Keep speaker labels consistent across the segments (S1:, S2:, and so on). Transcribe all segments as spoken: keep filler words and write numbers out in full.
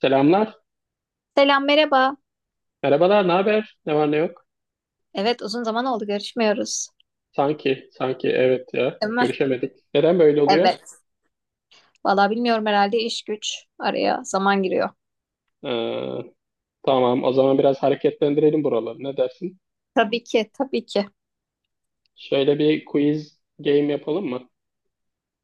S1: Selamlar.
S2: Selam, merhaba.
S1: Merhabalar. Ne haber? Ne var ne yok?
S2: Evet, uzun zaman oldu, görüşmüyoruz.
S1: Sanki, sanki evet ya.
S2: Değil mi?
S1: Görüşemedik. Neden böyle oluyor?
S2: Evet. Valla bilmiyorum, herhalde iş güç araya zaman giriyor.
S1: Ee, tamam. O zaman biraz hareketlendirelim buraları. Ne dersin?
S2: Tabii ki tabii ki.
S1: Şöyle bir quiz game yapalım mı?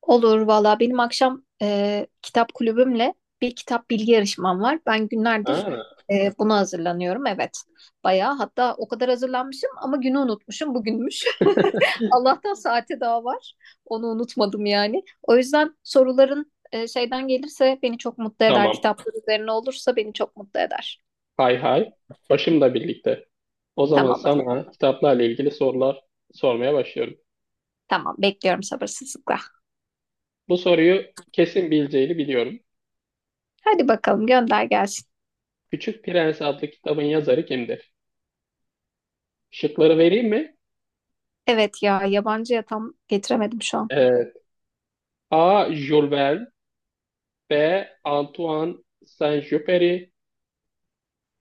S2: Olur valla, benim akşam e, kitap kulübümle bir kitap bilgi yarışmam var. Ben günlerdir
S1: Ha,
S2: e, buna hazırlanıyorum, evet. Bayağı, hatta o kadar hazırlanmışım ama günü unutmuşum, bugünmüş. Allah'tan saate daha var. Onu unutmadım yani. O yüzden soruların e, şeyden gelirse beni çok mutlu eder.
S1: tamam.
S2: Kitaplar üzerine olursa beni çok mutlu eder.
S1: Hay hay. Başımla birlikte. O zaman
S2: Tamam.
S1: sana kitaplarla ilgili sorular sormaya başlıyorum.
S2: Tamam, bekliyorum sabırsızlıkla.
S1: Bu soruyu kesin bileceğini biliyorum.
S2: Hadi bakalım, gönder gelsin.
S1: Küçük Prens adlı kitabın yazarı kimdir? Şıkları vereyim mi?
S2: Evet ya, yabancıya tam getiremedim şu an.
S1: Evet. A. Jules Verne, B. Antoine Saint-Exupéry,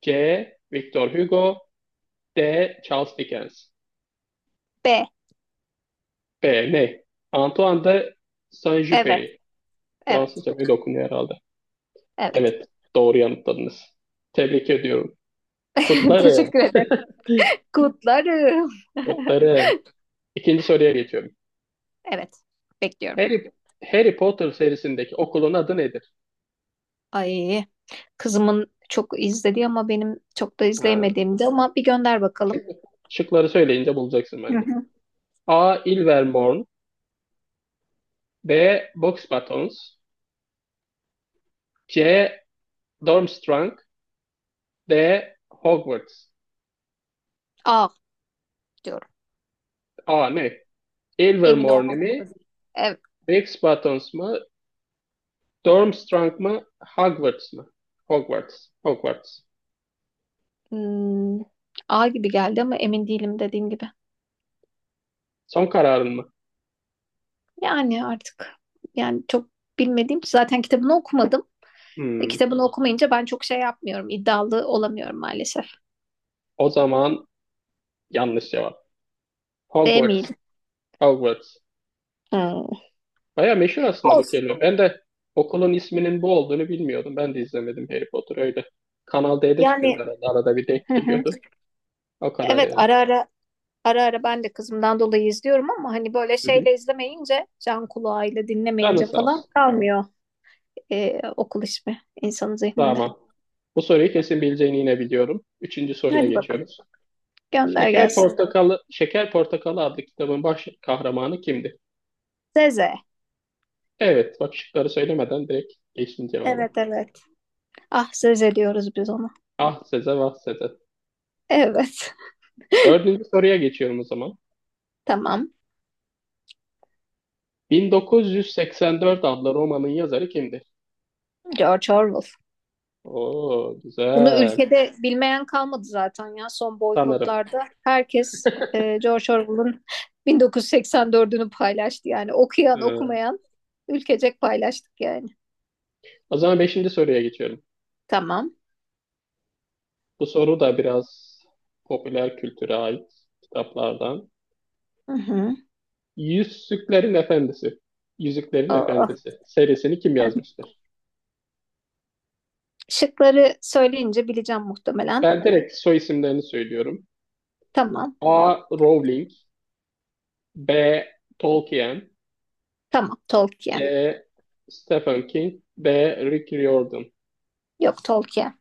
S1: C. Victor Hugo, D. Charles Dickens.
S2: B.
S1: B. Ne? Antoine de
S2: Evet,
S1: Saint-Exupéry.
S2: evet,
S1: Fransızca böyle okunuyor herhalde.
S2: evet.
S1: Evet. Doğru yanıtladınız. Tebrik ediyorum. Kutlarım.
S2: Teşekkür ederim. Kutlarım.
S1: Kutlarım. İkinci soruya geçiyorum.
S2: Evet, bekliyorum.
S1: Harry, Harry Potter serisindeki okulun adı nedir?
S2: Ay, kızımın çok izlediği ama benim çok da
S1: Ha.
S2: izleyemediğimdi, ama bir gönder bakalım.
S1: Şimdi şıkları söyleyince bulacaksın
S2: Hı
S1: bence.
S2: hı.
S1: A. Ilvermorny, B. Boxbatons, C. Durmstrang, D. Hogwarts.
S2: A diyorum.
S1: A ne?
S2: Emin
S1: Ilvermorny mi?
S2: olmamak lazım. Evet.
S1: Rex Buttons mı? Durmstrang mı? Hogwarts mı? Hogwarts. Hogwarts.
S2: Hmm, A gibi geldi ama emin değilim, dediğim gibi.
S1: Son kararın mı?
S2: Yani artık yani çok bilmediğim, zaten kitabını okumadım. E,
S1: Hmm.
S2: Kitabını okumayınca ben çok şey yapmıyorum, iddialı olamıyorum maalesef.
S1: O zaman yanlış cevap.
S2: Değil
S1: Hogwarts.
S2: miydi?
S1: Hogwarts.
S2: Hmm.
S1: Baya meşhur aslında bu
S2: Olsun.
S1: kelime. Ben de okulun isminin bu olduğunu bilmiyordum. Ben de izlemedim Harry Potter öyle. Kanal D'de çıkıyordu
S2: Yani,
S1: herhalde. Arada bir denk
S2: hı hı,
S1: geliyordu. O kadar
S2: evet,
S1: yani.
S2: ara ara ara ara ben de kızımdan dolayı izliyorum ama hani böyle
S1: Hı hı.
S2: şeyle izlemeyince, can kulağıyla
S1: Canın
S2: dinlemeyince
S1: sağ
S2: falan
S1: olsun.
S2: kalmıyor e, okul ismi insanın zihninde.
S1: Tamam. Bu soruyu kesin bileceğini yine biliyorum. Üçüncü soruya
S2: Hadi bakalım,
S1: geçiyoruz.
S2: gönder
S1: Şeker
S2: gelsin.
S1: Portakalı, Şeker Portakalı adlı kitabın baş kahramanı kimdi?
S2: Zeze.
S1: Evet, bak şıkları söylemeden direkt geçtim cevaba.
S2: Evet, evet. Ah Zeze diyoruz biz ona.
S1: Ah Seze, vah Seze.
S2: Evet.
S1: Dördüncü soruya geçiyorum o zaman.
S2: Tamam.
S1: bin dokuz yüz seksen dört adlı romanın yazarı kimdir?
S2: George Orwell.
S1: Oo,
S2: Bunu
S1: güzel.
S2: ülkede bilmeyen kalmadı zaten ya, son
S1: Sanırım.
S2: boykotlarda. Herkes e, George Orwell'ın bin dokuz yüz seksen dördünü paylaştı yani. Okuyan
S1: Ee,
S2: okumayan ülkecek paylaştık yani.
S1: o zaman beşinci soruya geçiyorum.
S2: Tamam.
S1: Bu soru da biraz popüler kültüre ait kitaplardan.
S2: Hı hı.
S1: Yüzüklerin Efendisi. Yüzüklerin
S2: Aa,
S1: Efendisi serisini kim yazmıştır?
S2: şıkları söyleyince bileceğim muhtemelen.
S1: Ben direkt soy isimlerini söylüyorum.
S2: Tamam.
S1: A. Rowling, B. Tolkien,
S2: Tamam. Tolkien.
S1: C. Stephen King, D. Rick Riordan.
S2: Yok, Tolkien.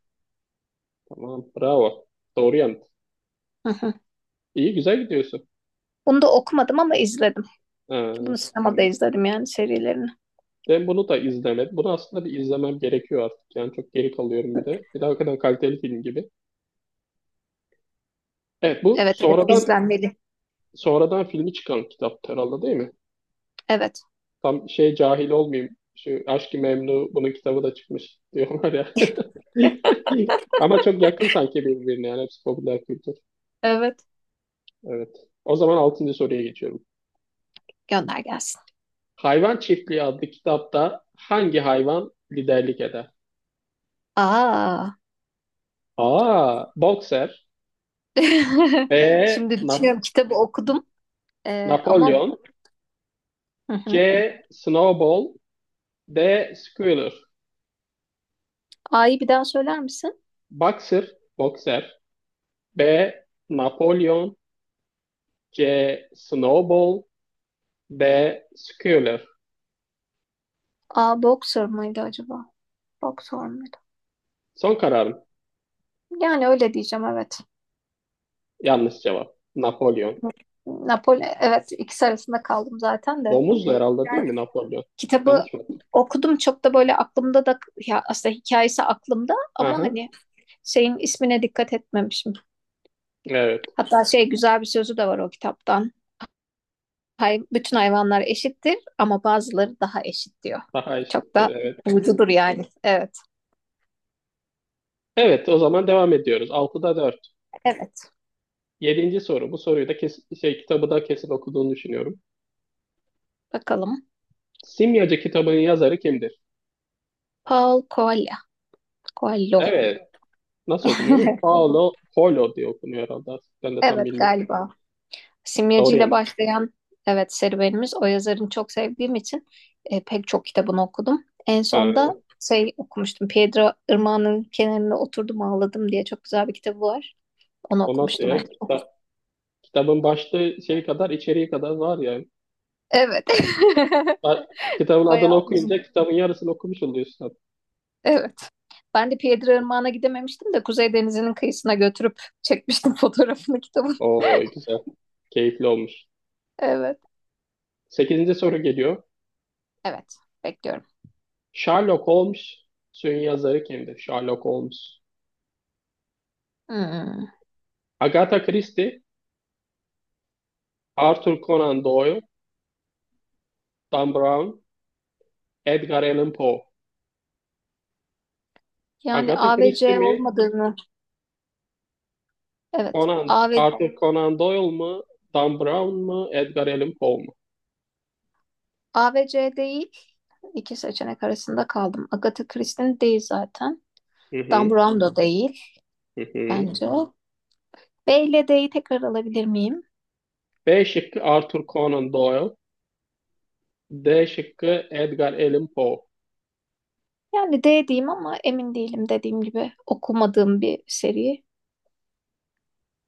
S1: Tamam, bravo. Doğru yanıt.
S2: Hı hı.
S1: İyi, güzel gidiyorsun.
S2: Bunu da okumadım ama izledim. Bunu
S1: Ee,
S2: sinemada izledim yani, serilerini.
S1: ben bunu da izlemedim. Bunu aslında bir izlemem gerekiyor artık. Yani çok geri kalıyorum bir de. Bir de hakikaten kaliteli film gibi. Evet, bu
S2: Evet, evet,
S1: sonradan
S2: izlenmeli.
S1: sonradan filmi çıkan kitap herhalde, değil mi?
S2: Evet.
S1: Tam şey cahil olmayayım. Şu Aşk-ı Memnu bunun kitabı da çıkmış diyorlar ya. Ama çok yakın sanki birbirine, yani hepsi popüler kültür.
S2: Evet.
S1: Evet. O zaman altıncı soruya geçiyorum.
S2: Gönder gelsin.
S1: Hayvan Çiftliği adlı kitapta hangi hayvan liderlik eder?
S2: Aa.
S1: A. Boxer, B.
S2: Şimdi
S1: Nap-
S2: düşünüyorum, kitabı okudum. Ee, ama
S1: Napolyon,
S2: hı hı.
S1: C. Snowball, D. Squealer.
S2: A'yı bir daha söyler misin?
S1: Boxer Boxer, B. Napolyon, C. Snowball, D. Squealer.
S2: A, boxer mıydı acaba? Boxer mıydı?
S1: Son kararım.
S2: Yani öyle diyeceğim, evet.
S1: Yanlış cevap. Napolyon.
S2: Napoli, evet, ikisi arasında kaldım zaten de.
S1: Domuzdu herhalde, değil
S2: Yani,
S1: mi Napolyon?
S2: Kitabı
S1: Yanlış mı?
S2: okudum çok da böyle aklımda da, ya aslında hikayesi aklımda ama
S1: Aha.
S2: hani şeyin ismine dikkat etmemişim.
S1: Evet.
S2: Hatta şey, güzel bir sözü de var o kitaptan. Hay, bütün hayvanlar eşittir ama bazıları daha eşit diyor.
S1: Daha
S2: Çok da
S1: eşitti.
S2: vurucudur yani. Evet.
S1: Evet, o zaman devam ediyoruz. altıda dört.
S2: Evet.
S1: Yedinci soru. Bu soruyu da kesin, şey, kitabı da kesin okuduğunu düşünüyorum.
S2: Bakalım.
S1: Simyacı kitabının yazarı kimdir?
S2: Paul Coelho. Coelho.
S1: Evet. Nasıl okunuyor mu? Paulo Coelho diye okunuyor herhalde artık. Ben de tam
S2: Evet,
S1: bilmiyorum.
S2: galiba. Simyacı
S1: Doğru
S2: ile
S1: yani.
S2: başlayan evet serüvenimiz, o yazarını çok sevdiğim için e, pek çok kitabını okudum. En
S1: Ha,
S2: sonda şey okumuştum. Pedro Irmağı'nın kenarında oturdum ağladım diye çok güzel bir kitabı var. Onu
S1: o nasıl
S2: okumuştum
S1: ya?
S2: en son.
S1: Kita- kitabın başlığı şey kadar, içeriği kadar var yani.
S2: Evet.
S1: Ha, kitabın adını
S2: Bayağı uzun.
S1: okuyunca kitabın yarısını okumuş oluyorsun.
S2: Evet. Ben de Pedro Irmağı'na gidememiştim de Kuzey Denizi'nin kıyısına götürüp çekmiştim fotoğrafını kitabın.
S1: Oo, güzel. Keyifli olmuş.
S2: Evet.
S1: Sekizinci soru geliyor.
S2: Evet. Bekliyorum.
S1: Sherlock Holmes'un yazarı kimdir? Sherlock Holmes.
S2: Hmm.
S1: Agatha Christie, Arthur Conan Doyle, Dan Brown, Edgar Allan Poe.
S2: Yani
S1: Agatha
S2: A ve
S1: Christie
S2: C
S1: mi?
S2: olmadığını, evet, A
S1: Conan,
S2: A ve,
S1: Arthur Conan Doyle mu? Dan Brown mu? Edgar Allan Poe mu?
S2: A ve C değil. İki seçenek arasında kaldım. Agatha Christie'nin değil zaten.
S1: Hı
S2: Dan
S1: hı,
S2: Brown da değil
S1: hı hı.
S2: bence. B ile D'yi tekrar alabilir miyim?
S1: B şıkkı Arthur Conan Doyle. D şıkkı Edgar Allan Poe.
S2: Yani D diyeyim ama emin değilim, dediğim gibi okumadığım bir seri.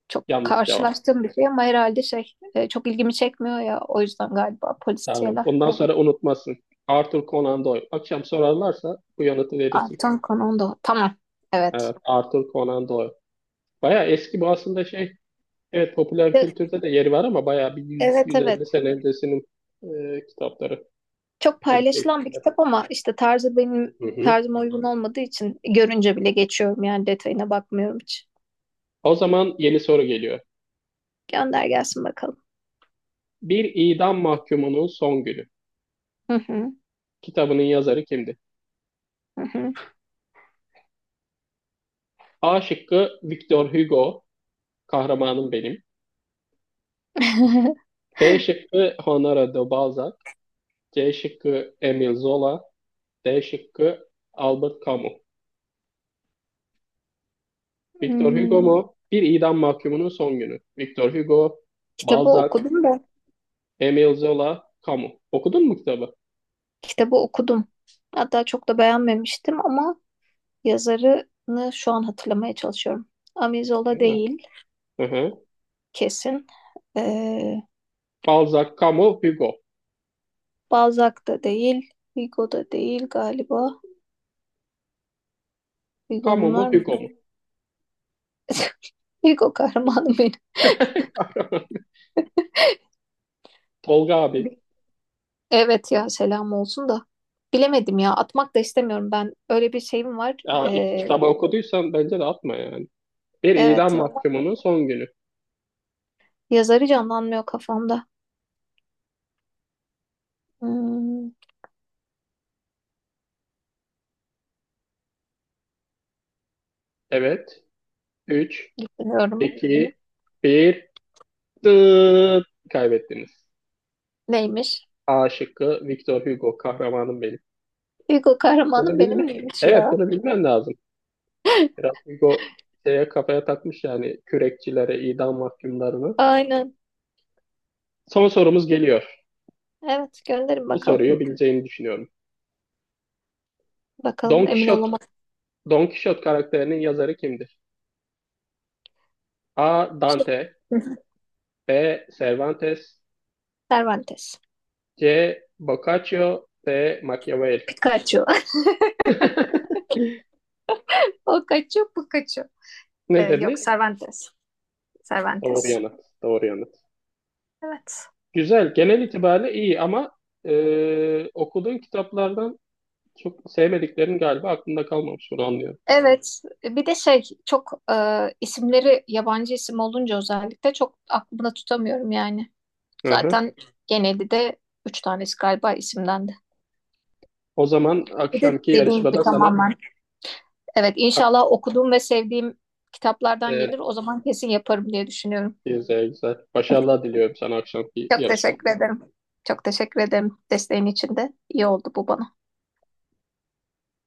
S2: Çok
S1: Yanlış cevap.
S2: karşılaştığım bir şey ama herhalde şey, e, çok ilgimi çekmiyor ya, o yüzden galiba
S1: Tamam.
S2: polisiyeler.
S1: Bundan sonra unutmasın. Arthur Conan Doyle. Akşam sorarlarsa bu yanıtı verirsin.
S2: Artan konu da. Tamam. Evet.
S1: Evet, Arthur Conan Doyle. Baya eski bu aslında, şey, evet popüler
S2: De-
S1: kültürde de yeri var ama bayağı bir
S2: evet,
S1: yüz yüz elli
S2: evet.
S1: sene öncesinin e, kitapları.
S2: Çok
S1: O şey.
S2: paylaşılan bir kitap ama işte tarzı benim
S1: Hı hı.
S2: tarzıma uygun olmadığı için görünce bile geçiyorum, yani detayına bakmıyorum hiç.
S1: O zaman yeni soru geliyor.
S2: Gönder gelsin bakalım.
S1: Bir idam mahkumunun son günü.
S2: Hı hı,
S1: Kitabının yazarı kimdi?
S2: hı hı.
S1: A şıkkı Victor Hugo, kahramanım benim. B şıkkı Honoré de Balzac. C şıkkı Emile Zola. D şıkkı Albert Camus. Victor Hugo
S2: Hmm,
S1: mu? Bir idam mahkumunun son günü. Victor Hugo,
S2: Kitabı
S1: Balzac,
S2: okudum da
S1: Emile Zola, Camus. Okudun mu kitabı?
S2: kitabı okudum. Hatta çok da beğenmemiştim ama yazarını şu an hatırlamaya çalışıyorum. Amizola değil
S1: Hı hı.
S2: kesin. Ee,
S1: Balzac, Camus, Hugo.
S2: Balzac da değil. Hugo da değil galiba.
S1: Camus
S2: Hugo'nun
S1: mu,
S2: var mı?
S1: Hugo mu?
S2: Hugo kahramanım
S1: Tolga abi.
S2: benim. Evet ya, selam olsun da. Bilemedim ya, atmak da istemiyorum ben. Öyle bir şeyim var.
S1: Ya, iki
S2: Ee,
S1: kitabı okuduysan bence de atma yani. Bir idam
S2: evet,
S1: mahkumunun son günü.
S2: yazarı canlanmıyor kafamda. Hmm,
S1: Evet. üç,
S2: bilmiyorum.
S1: iki, bir. Dıt. Kaybettiniz.
S2: Neymiş?
S1: A şıkkı Victor Hugo. Kahramanım benim.
S2: Hugo
S1: Bunu
S2: kahramanım benim
S1: bilme.
S2: miymiş
S1: Evet,
S2: ya?
S1: bunu bilmen lazım. Biraz Hugo şeye kafaya takmış yani, kürekçilere, idam mahkumlarını.
S2: Aynen.
S1: Son sorumuz geliyor.
S2: Evet, gönderin
S1: Bu
S2: bakalım.
S1: soruyu bileceğini düşünüyorum.
S2: Bakalım,
S1: Don
S2: emin
S1: Quixote
S2: olamadım.
S1: Don Quixote karakterinin yazarı kimdir? A. Dante, B. Cervantes,
S2: Cervantes.
S1: C. Boccaccio, D. Machiavelli.
S2: Pikachu. O kaçıyor, bu kaçıyor. Ee,
S1: Ne
S2: yok,
S1: dediniz?
S2: Cervantes.
S1: Doğru
S2: Cervantes.
S1: yanıt. Doğru yanıt.
S2: Evet.
S1: Güzel. Genel itibariyle iyi ama, e, okuduğun kitaplardan çok sevmediklerin galiba aklında kalmamış. Onu anlıyorum.
S2: Evet, bir de şey, çok e, isimleri yabancı isim olunca özellikle çok aklımda tutamıyorum yani.
S1: Hı hı.
S2: Zaten genelde de üç tanesi galiba isimden de.
S1: O zaman
S2: Bir de
S1: akşamki
S2: dediğim gibi
S1: yarışmada sana,
S2: tamamen. Evet, inşallah okuduğum ve sevdiğim kitaplardan
S1: e,
S2: gelir. O zaman kesin yaparım diye düşünüyorum.
S1: güzel güzel. Başarılar diliyorum sana akşamki
S2: Çok
S1: yarışmada.
S2: teşekkür ederim. Çok teşekkür ederim desteğin için de. İyi oldu bu bana.